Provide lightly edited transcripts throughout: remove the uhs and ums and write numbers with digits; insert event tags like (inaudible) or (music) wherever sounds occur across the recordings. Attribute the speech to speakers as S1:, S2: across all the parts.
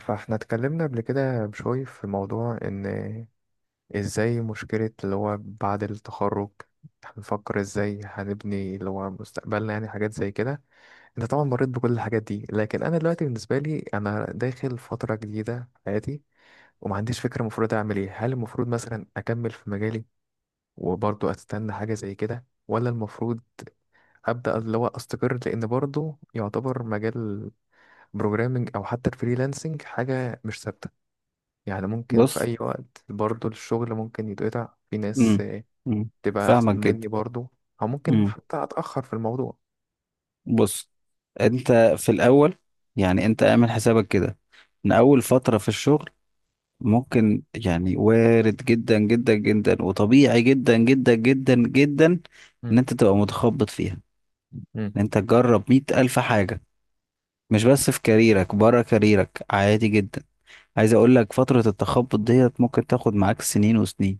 S1: فاحنا اتكلمنا قبل كده بشوي في موضوع ان ازاي مشكلة اللي هو بعد التخرج هنفكر ازاي هنبني اللي هو مستقبلنا، يعني حاجات زي كده. انت طبعا مريت بكل الحاجات دي، لكن انا دلوقتي بالنسبة لي انا داخل فترة جديدة في حياتي، وما عنديش فكرة المفروض اعمل ايه. هل المفروض مثلا اكمل في مجالي وبرضه استنى حاجة زي كده، ولا المفروض ابدا اللي هو استقر، لان برضه يعتبر مجال البروجرامينج او حتى الفريلانسنج حاجة مش ثابتة. يعني ممكن في
S2: بص.
S1: أي وقت برضو الشغل ممكن يتقطع، في ناس
S2: امم امم
S1: تبقى أحسن
S2: فاهمك جدا.
S1: مني برضو، أو ممكن
S2: امم
S1: حتى أتأخر في الموضوع.
S2: بص، انت في الاول، يعني انت اعمل حسابك كده ان اول فترة في الشغل ممكن، يعني وارد جدا جدا جدا وطبيعي جدا جدا جدا جدا ان
S1: مم.
S2: انت تبقى متخبط فيها،
S1: مم.
S2: ان انت تجرب مية الف حاجة، مش بس في كاريرك، بره كاريرك عادي جدا. عايز اقول لك فترة التخبط ديت ممكن تاخد معاك سنين وسنين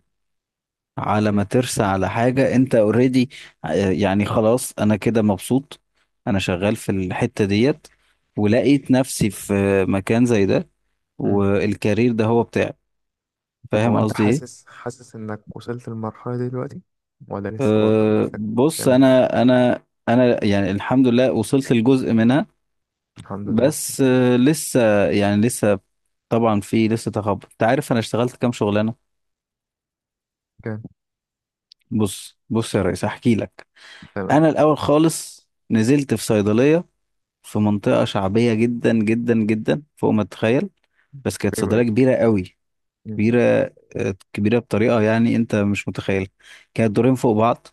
S2: على
S1: مم.
S2: ما ترسى على حاجة انت اوريدي. يعني خلاص انا كده مبسوط، انا شغال في الحتة ديت ولقيت نفسي في مكان زي ده،
S1: مم.
S2: والكارير ده هو بتاعي.
S1: طب هو
S2: فاهم
S1: أنت
S2: قصدي ايه؟
S1: حاسس، إنك وصلت للمرحلة دي دلوقتي، ولا لسه برضو
S2: أه
S1: نفسك
S2: بص،
S1: تعمل كده؟
S2: انا يعني الحمد لله وصلت لجزء منها.
S1: الحمد لله.
S2: بس أه لسه يعني لسه، طبعا في لسه تخبط. انت عارف انا اشتغلت كام شغلانة؟
S1: كان
S2: بص بص يا ريس احكي لك.
S1: تمام.
S2: انا الاول خالص نزلت في صيدلية في منطقة شعبية جدا جدا جدا فوق ما تتخيل، بس كانت
S1: في-
S2: صيدلية كبيرة قوي.
S1: مم.
S2: كبيرة، كبيرة بطريقة يعني انت مش متخيل. كانت دورين فوق بعض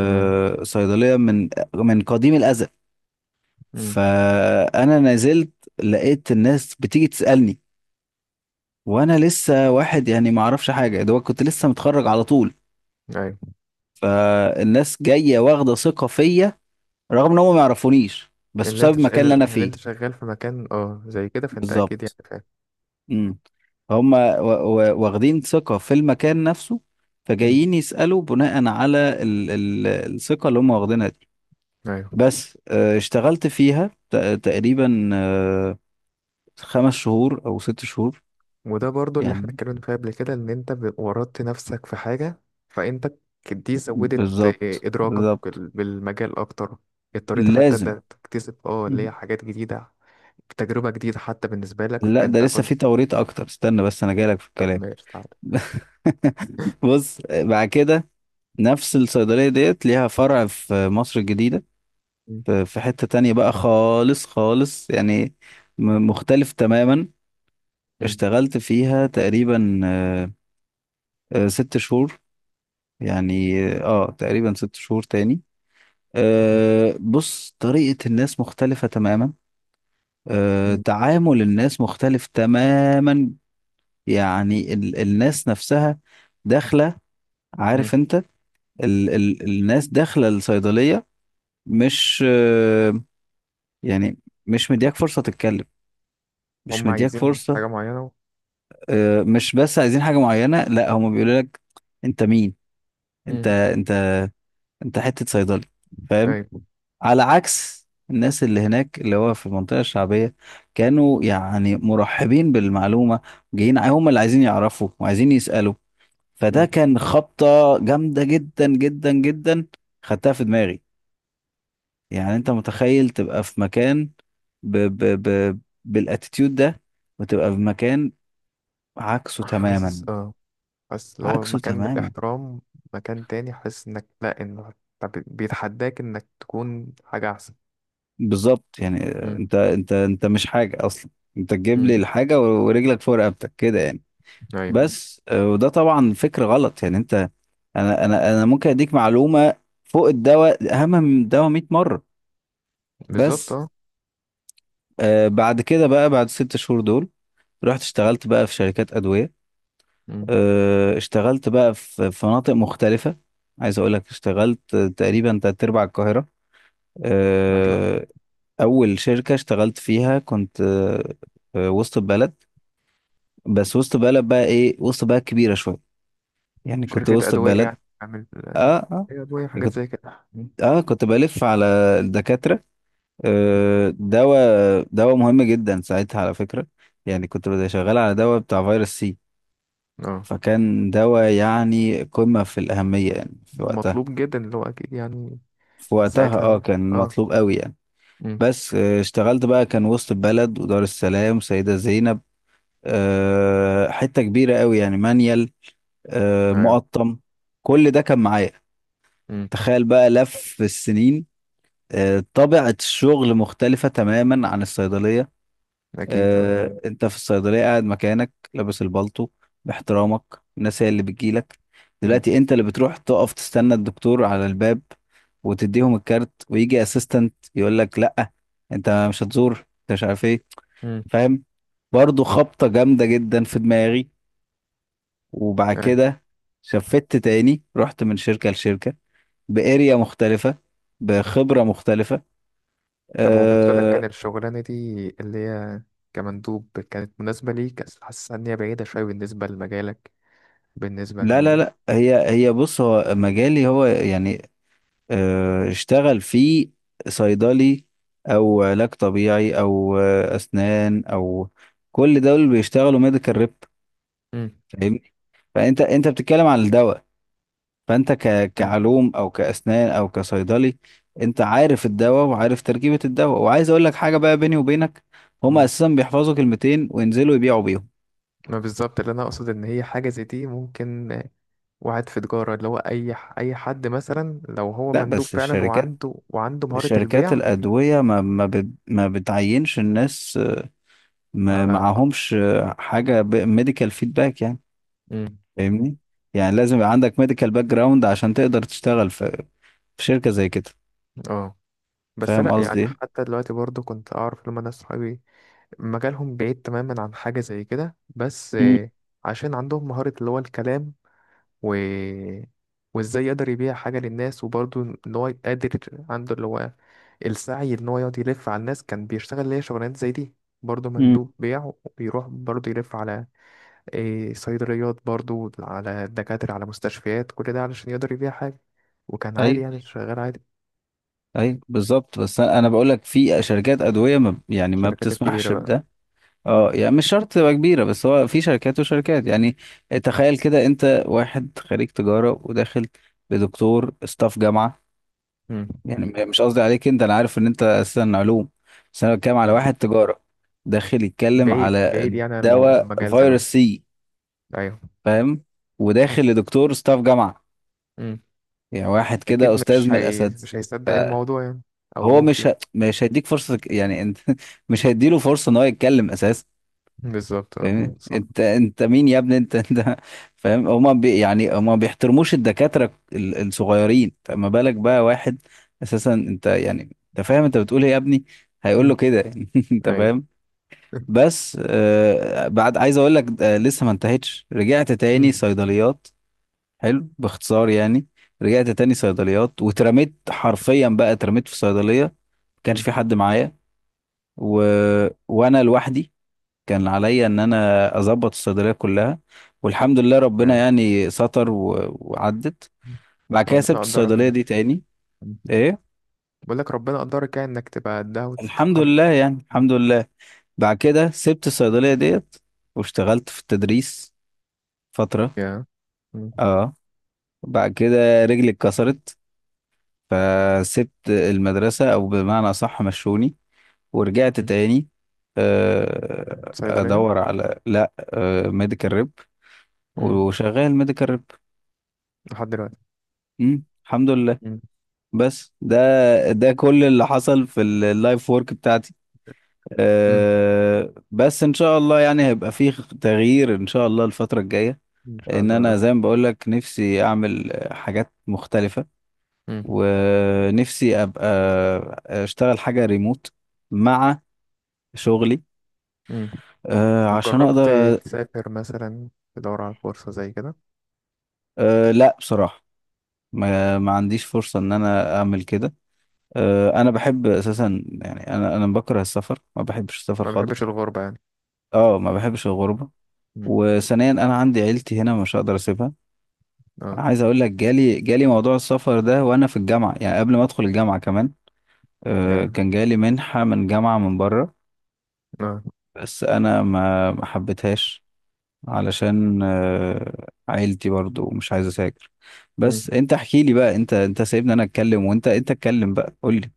S1: تمام.
S2: من قديم الأزل.
S1: مم.
S2: فأنا نزلت لقيت الناس بتيجي تسألني، وأنا لسه واحد يعني ما أعرفش حاجة دوت، كنت لسه متخرج على طول.
S1: أيوة.
S2: فالناس جاية واخدة ثقة فيا رغم إن هم ما يعرفونيش، بس بسبب المكان اللي أنا
S1: اللي
S2: فيه.
S1: أنت شغال في مكان زي كده، فأنت أكيد يعني
S2: بالظبط.
S1: فاهم.
S2: امم هم واخدين ثقة في المكان نفسه،
S1: مم.
S2: فجايين يسألوا بناء على ال ال الثقة اللي هم واخدينها دي.
S1: أيوة.
S2: بس اشتغلت فيها تقريبا خمس شهور أو ست شهور
S1: وده برضو اللي احنا
S2: يعني.
S1: اتكلمنا فيه قبل كده، ان انت ورطت نفسك في حاجة، فانت دي زودت
S2: بالظبط
S1: ادراكك
S2: بالظبط.
S1: بالمجال اكتر. اضطريت حتى
S2: لازم.
S1: ده تكتسب اللي
S2: مم.
S1: هي حاجات جديدة، تجربة جديدة حتى بالنسبة لك،
S2: لا ده
S1: فانت
S2: لسه
S1: كنت.
S2: في توريط أكتر، استنى بس أنا جايلك في
S1: طب
S2: الكلام.
S1: ماشي، تعالى.
S2: (laughs) بص بعد كده نفس الصيدلية ديت ليها فرع في مصر الجديدة،
S1: مم،
S2: في حتة تانية بقى خالص خالص يعني، مختلف تماما.
S1: مم،
S2: اشتغلت فيها تقريبا ست شهور، يعني تقريبا ست شهور تاني. بص طريقة الناس مختلفة تماما،
S1: مم،
S2: تعامل الناس مختلف تماما. يعني الناس نفسها داخلة،
S1: مم.
S2: عارف انت، ال ال الناس داخلة الصيدلية مش يعني مش مدياك فرصة تتكلم، مش
S1: هم
S2: مدياك
S1: عايزين
S2: فرصة.
S1: حاجة معينة.
S2: مش بس عايزين حاجة معينة، لا هم بيقولوا لك انت مين. انت
S1: مم،
S2: انت انت حتة صيدلي، فاهم؟
S1: ايوه.
S2: على عكس الناس اللي هناك اللي هو في المنطقة الشعبية، كانوا يعني مرحبين بالمعلومة، جايين هم اللي عايزين يعرفوا وعايزين يسألوا. فده
S1: مم.
S2: كان خبطة جامدة جدا جدا جدا، خدتها في دماغي. يعني انت متخيل تبقى في مكان ب ب ب بالاتيتيود ده، وتبقى في مكان عكسه
S1: حاسس،
S2: تماما،
S1: اه، بس اللي هو
S2: عكسه
S1: مكان
S2: تماما.
S1: بالاحترام، مكان تاني حاسس انك لا، انه طب بيتحداك انك تكون حاجة احسن.
S2: بالظبط. يعني
S1: مم،
S2: انت مش حاجه اصلا، انت تجيب
S1: مم.
S2: لي الحاجه ورجلك فوق رقبتك كده يعني.
S1: ايوه.
S2: بس وده طبعا فكر غلط. يعني انت، انا ممكن اديك معلومه فوق الدواء اهم من الدواء 100 مره.
S1: بالظبط،
S2: بس
S1: اه.
S2: بعد كده بقى، بعد ست شهور دول رحت اشتغلت بقى في شركات ادويه.
S1: مم.
S2: اشتغلت بقى في مناطق مختلفه. عايز اقول لك اشتغلت تقريبا تلات ارباع القاهره.
S1: ما شاء الله.
S2: آه، اول شركه اشتغلت فيها كنت وسط البلد. بس وسط بلد بقى ايه؟ وسط بلد كبيرة شوية، يعني كنت
S1: شركة
S2: وسط
S1: أدوية
S2: بلد.
S1: يعني عامل؟
S2: اه
S1: هي أدوية وحاجات
S2: كنت،
S1: زي كده. مم.
S2: اه كنت بلف على الدكاترة. آه دواء، دواء مهم جدا ساعتها على فكرة. يعني كنت بدي شغال على دواء بتاع فيروس سي،
S1: اه،
S2: فكان دواء يعني قمة في الأهمية يعني في وقتها.
S1: ومطلوب جدا اللي هو، أكيد يعني.
S2: في وقتها
S1: ساعتها
S2: اه
S1: ال-
S2: كان
S1: اه.
S2: مطلوب قوي يعني.
S1: مم.
S2: بس آه اشتغلت بقى، كان وسط البلد ودار السلام سيدة زينب، آه حتة كبيرة قوي يعني مانيال، آه
S1: ايوه.
S2: مقطم، كل ده كان معايا.
S1: مم.
S2: تخيل بقى لف السنين. طبيعة الشغل مختلفة تماما عن الصيدلية.
S1: أكيد، اه.
S2: انت في الصيدلية قاعد مكانك لابس البلطو، باحترامك الناس هي اللي بتجيلك.
S1: مم.
S2: دلوقتي انت اللي بتروح تقف تستنى الدكتور على الباب وتديهم الكارت، ويجي اسيستنت يقول لك لا انت مش هتزور، انت مش عارف ايه.
S1: مم.
S2: فاهم؟ برضه خبطة جامدة جدا في دماغي. وبعد
S1: ايوه.
S2: كده شفت تاني، رحت من شركة لشركة، باريا مختلفة، بخبرة مختلفة.
S1: طب هو بالنسبة لك كان
S2: أه.
S1: الشغلانة دي اللي هي كمندوب كانت مناسبة ليك؟ أصل حاسس إن هي بعيدة شوية بالنسبة لمجالك، بالنسبة
S2: لا لا
S1: إن.
S2: لا هي هي، بص هو مجالي هو يعني، أه اشتغل في صيدلي او علاج طبيعي او اسنان او، كل دول بيشتغلوا ميديكال ريب.
S1: مم.
S2: فاهمني؟ فانت انت بتتكلم عن الدواء، فانت كعلوم او كاسنان او كصيدلي، انت عارف الدواء وعارف تركيبة الدواء. وعايز اقول لك حاجة بقى بيني وبينك، هما
S1: مم.
S2: اساسا بيحفظوا كلمتين وينزلوا يبيعوا بيهم.
S1: ما بالظبط اللي أنا أقصد، إن هي حاجة زي دي ممكن واحد في تجارة، اللي هو أي، أي حد مثلا لو هو
S2: لا
S1: مندوب
S2: بس
S1: فعلا،
S2: الشركات،
S1: وعنده مهارة
S2: شركات
S1: البيع.
S2: الأدوية ما بتعينش الناس ما
S1: على.
S2: معهمش حاجة ميديكال فيدباك يعني.
S1: امم
S2: فاهمني؟ يعني لازم يبقى عندك ميديكال باك جراوند عشان تقدر تشتغل في شركة زي كده.
S1: اه، بس
S2: فاهم
S1: لأ
S2: قصدي
S1: يعني،
S2: ايه؟
S1: حتى دلوقتي برضو كنت أعرف لما ناس صحابي مجالهم بعيد تماما عن حاجة زي كده، بس
S2: مم.
S1: عشان عندهم مهارة اللي هو الكلام، و وازاي يقدر يبيع حاجة للناس، وبرضو ان هو قادر، عنده اللي هو السعي ان هو يقعد يلف على الناس، كان بيشتغل ليه شغلانات زي دي. برضو
S2: مم.
S1: مندوب بيع، وبيروح برضو يلف على صيدليات، برضو على دكاترة، على مستشفيات، كل ده علشان يقدر يبيع حاجة، وكان عادي،
S2: ايوه.
S1: يعني شغال عادي.
S2: ايوه بالظبط، بس انا، أنا
S1: مم.
S2: بقول لك في شركات ادويه ما يعني ما
S1: الشركات الكبيرة
S2: بتسمحش
S1: بقى.
S2: بده.
S1: مم.
S2: اه يعني مش شرط تبقى كبيره، بس هو في شركات وشركات يعني. تخيل كده انت واحد خريج تجاره وداخل بدكتور استاف جامعه.
S1: مم.
S2: يعني مش قصدي عليك انت، انا عارف ان انت اساسا علوم، بس انا بتكلم على
S1: ماشي.
S2: واحد تجاره داخل يتكلم
S1: بعيد،
S2: على
S1: بعيد يعني، عن
S2: دواء
S1: المجال،
S2: فيروس
S1: تمام.
S2: سي،
S1: أيوه.
S2: فاهم؟ وداخل لدكتور ستاف جامعه،
S1: مم.
S2: يعني واحد كده
S1: أكيد
S2: استاذ من الاساتذه.
S1: مش هيصدق الموضوع
S2: فهو
S1: يعني، أو ممكن.
S2: مش هيديك فرصه يعني انت. (laughs) مش هيديله فرصه ان هو يتكلم اساسا.
S1: بالظبط، آه.
S2: فاهمني؟
S1: صح.
S2: انت مين يا ابني؟ انت فاهم، هما بي يعني هما ما بيحترموش الدكاترة الصغيرين، فما بالك بقى واحد اساسا انت يعني، انت فاهم انت بتقول ايه يا ابني؟ هيقول
S1: مم.
S2: له كده. (laughs) انت
S1: أيوه.
S2: فاهم؟
S1: مم.
S2: بس آه بعد، عايز اقول لك آه لسه ما انتهتش. رجعت تاني
S1: (laughs)
S2: صيدليات. حلو باختصار يعني، رجعت تاني صيدليات واترميت حرفيا، بقى اترميت في صيدلية ما كانش
S1: مم.
S2: في حد معايا و... وانا لوحدي. كان عليا ان انا اظبط الصيدليه كلها، والحمد لله ربنا
S1: آه.
S2: يعني ستر وعدت. بعد كده
S1: ربنا
S2: سبت
S1: قدرك
S2: الصيدليه
S1: إنك.
S2: دي تاني.
S1: مم.
S2: ايه،
S1: بقول لك ربنا قدرك يعني، إنك تبقى قدها
S2: الحمد
S1: وتتخلق.
S2: لله يعني الحمد لله. بعد كده سبت الصيدليه ديت واشتغلت في التدريس فتره.
S1: يا مم.
S2: اه، بعد كده رجلي اتكسرت فسبت المدرسه او بمعنى اصح مشوني. ورجعت
S1: مم.
S2: تاني
S1: صيدلية.
S2: ادور على لا ميديكال ريب، وشغال ميديكال ريب
S1: لحد دلوقتي.
S2: الحمد لله.
S1: مم.
S2: بس ده، ده كل اللي حصل في اللايف وورك بتاعتي.
S1: امم
S2: أه بس ان شاء الله يعني هيبقى فيه تغيير ان شاء الله الفترة الجاية.
S1: ان شاء
S2: ان انا
S1: الله.
S2: زي ما بقول لك نفسي اعمل حاجات مختلفة
S1: مم.
S2: ونفسي ابقى اشتغل حاجة ريموت مع شغلي،
S1: مم.
S2: أه
S1: طب
S2: عشان
S1: جربت
S2: اقدر.
S1: تسافر مثلا، تدور على فرصة زي كده؟
S2: أه لا بصراحة ما عنديش فرصة ان انا اعمل كده. أه انا بحب اساسا يعني، انا بكره السفر، ما بحبش السفر
S1: ما بحبش
S2: خالص.
S1: الغربة يعني.
S2: اه ما بحبش الغربة.
S1: مم.
S2: وثانيا انا عندي عيلتي هنا مش هقدر اسيبها.
S1: اه،
S2: عايز اقول لك جالي موضوع السفر ده وانا في الجامعة، يعني قبل ما ادخل الجامعة كمان.
S1: يعني.
S2: كان جالي منحة من جامعة من بره،
S1: اه.
S2: بس انا ما حبيتهاش علشان عيلتي برضو مش عايز اسافر. بس
S1: مم.
S2: انت احكي لي بقى، انت سايبني انا اتكلم وانت انت اتكلم بقى قول لي.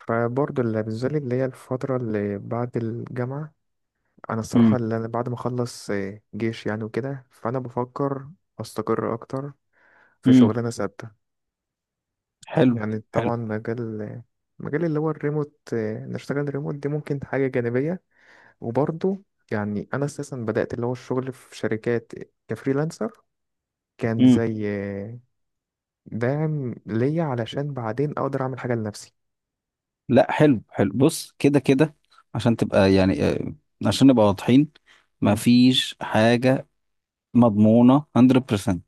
S1: فبرضه اللي بالذات اللي هي الفترة اللي بعد الجامعة، أنا الصراحة
S2: امم
S1: اللي أنا بعد ما أخلص جيش يعني وكده، فأنا بفكر أستقر أكتر في
S2: امم
S1: شغلانة ثابتة.
S2: حلو
S1: يعني
S2: حلو.
S1: طبعا مجال، اللي هو الريموت، نشتغل ريموت دي ممكن حاجة جانبية، وبرضه يعني أنا أساسا بدأت اللي هو الشغل في شركات كفريلانسر، كان زي دعم ليا علشان بعدين أقدر أعمل حاجة لنفسي.
S2: لا حلو حلو، بص كده كده عشان تبقى يعني عشان نبقى واضحين،
S1: مم.
S2: مفيش حاجة مضمونة 100%.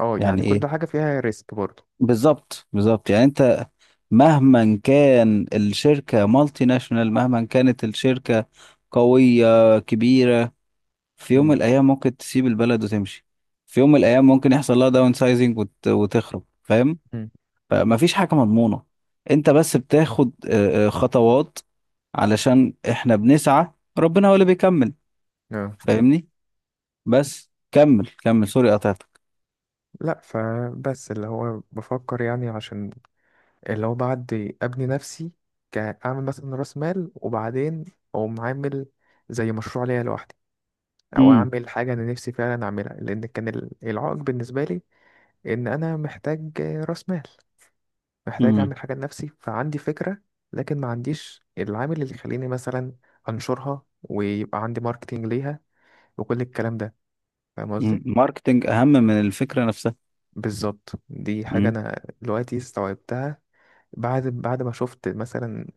S1: اه،
S2: يعني
S1: يعني كل
S2: ايه؟
S1: حاجة فيها ريسك برضه.
S2: بالظبط بالظبط. يعني انت مهما كان الشركة مالتي ناشونال، مهما كانت الشركة قوية كبيرة، في يوم من
S1: مم.
S2: الأيام ممكن تسيب البلد وتمشي، في يوم من الأيام ممكن يحصل لها داون سايزنج وتخرب، فاهم؟
S1: مم.
S2: فمفيش حاجة مضمونة، انت بس بتاخد خطوات، علشان احنا بنسعى، ربنا هو اللي بيكمل.
S1: آه.
S2: فاهمني؟ بس كمل كمل، سوري قطعتك.
S1: لا، فبس اللي هو بفكر يعني، عشان اللي هو بعد أبني نفسي، كأعمل مثلا رأس مال، وبعدين أقوم عامل زي مشروع ليا لوحدي، أو
S2: امم
S1: أعمل حاجة أنا نفسي فعلا أعملها، لأن كان العائق بالنسبة لي ان انا محتاج راس مال، محتاج
S2: امم
S1: اعمل حاجه لنفسي، فعندي فكره، لكن ما عنديش العامل اللي يخليني مثلا انشرها ويبقى عندي ماركتينج ليها وكل الكلام ده، فاهم قصدي؟
S2: ماركتنج اهم من الفكرة نفسها.
S1: بالظبط، دي حاجه
S2: امم
S1: انا دلوقتي استوعبتها، بعد ما شفت مثلا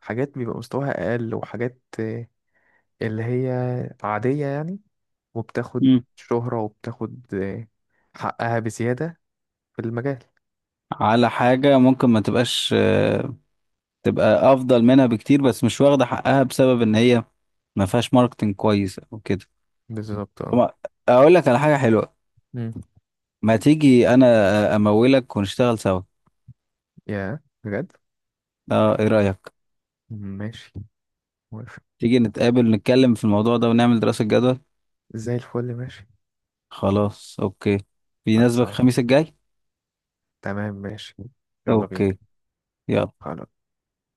S1: حاجات بيبقى مستواها اقل، وحاجات اللي هي عاديه يعني، وبتاخد
S2: امم
S1: شهره، وبتاخد حقها بزياده في المجال.
S2: على حاجة ممكن ما تبقاش تبقى افضل منها بكتير، بس مش واخدة حقها بسبب ان هي ما فيهاش ماركتنج كويس او كده.
S1: بالظبط، اه.
S2: وما- اقول لك على حاجة حلوة،
S1: مم.
S2: ما تيجي انا امولك ونشتغل سوا.
S1: يا بجد؟
S2: اه ايه رأيك؟
S1: ماشي، موافق.
S2: تيجي نتقابل نتكلم في الموضوع ده ونعمل دراسة جدوى.
S1: زي الفل، ماشي.
S2: خلاص اوكي، بيناسبك
S1: خلصان.
S2: الخميس الجاي؟
S1: تمام، ماشي. يلا بينا.
S2: اوكي يلا.
S1: خلاص.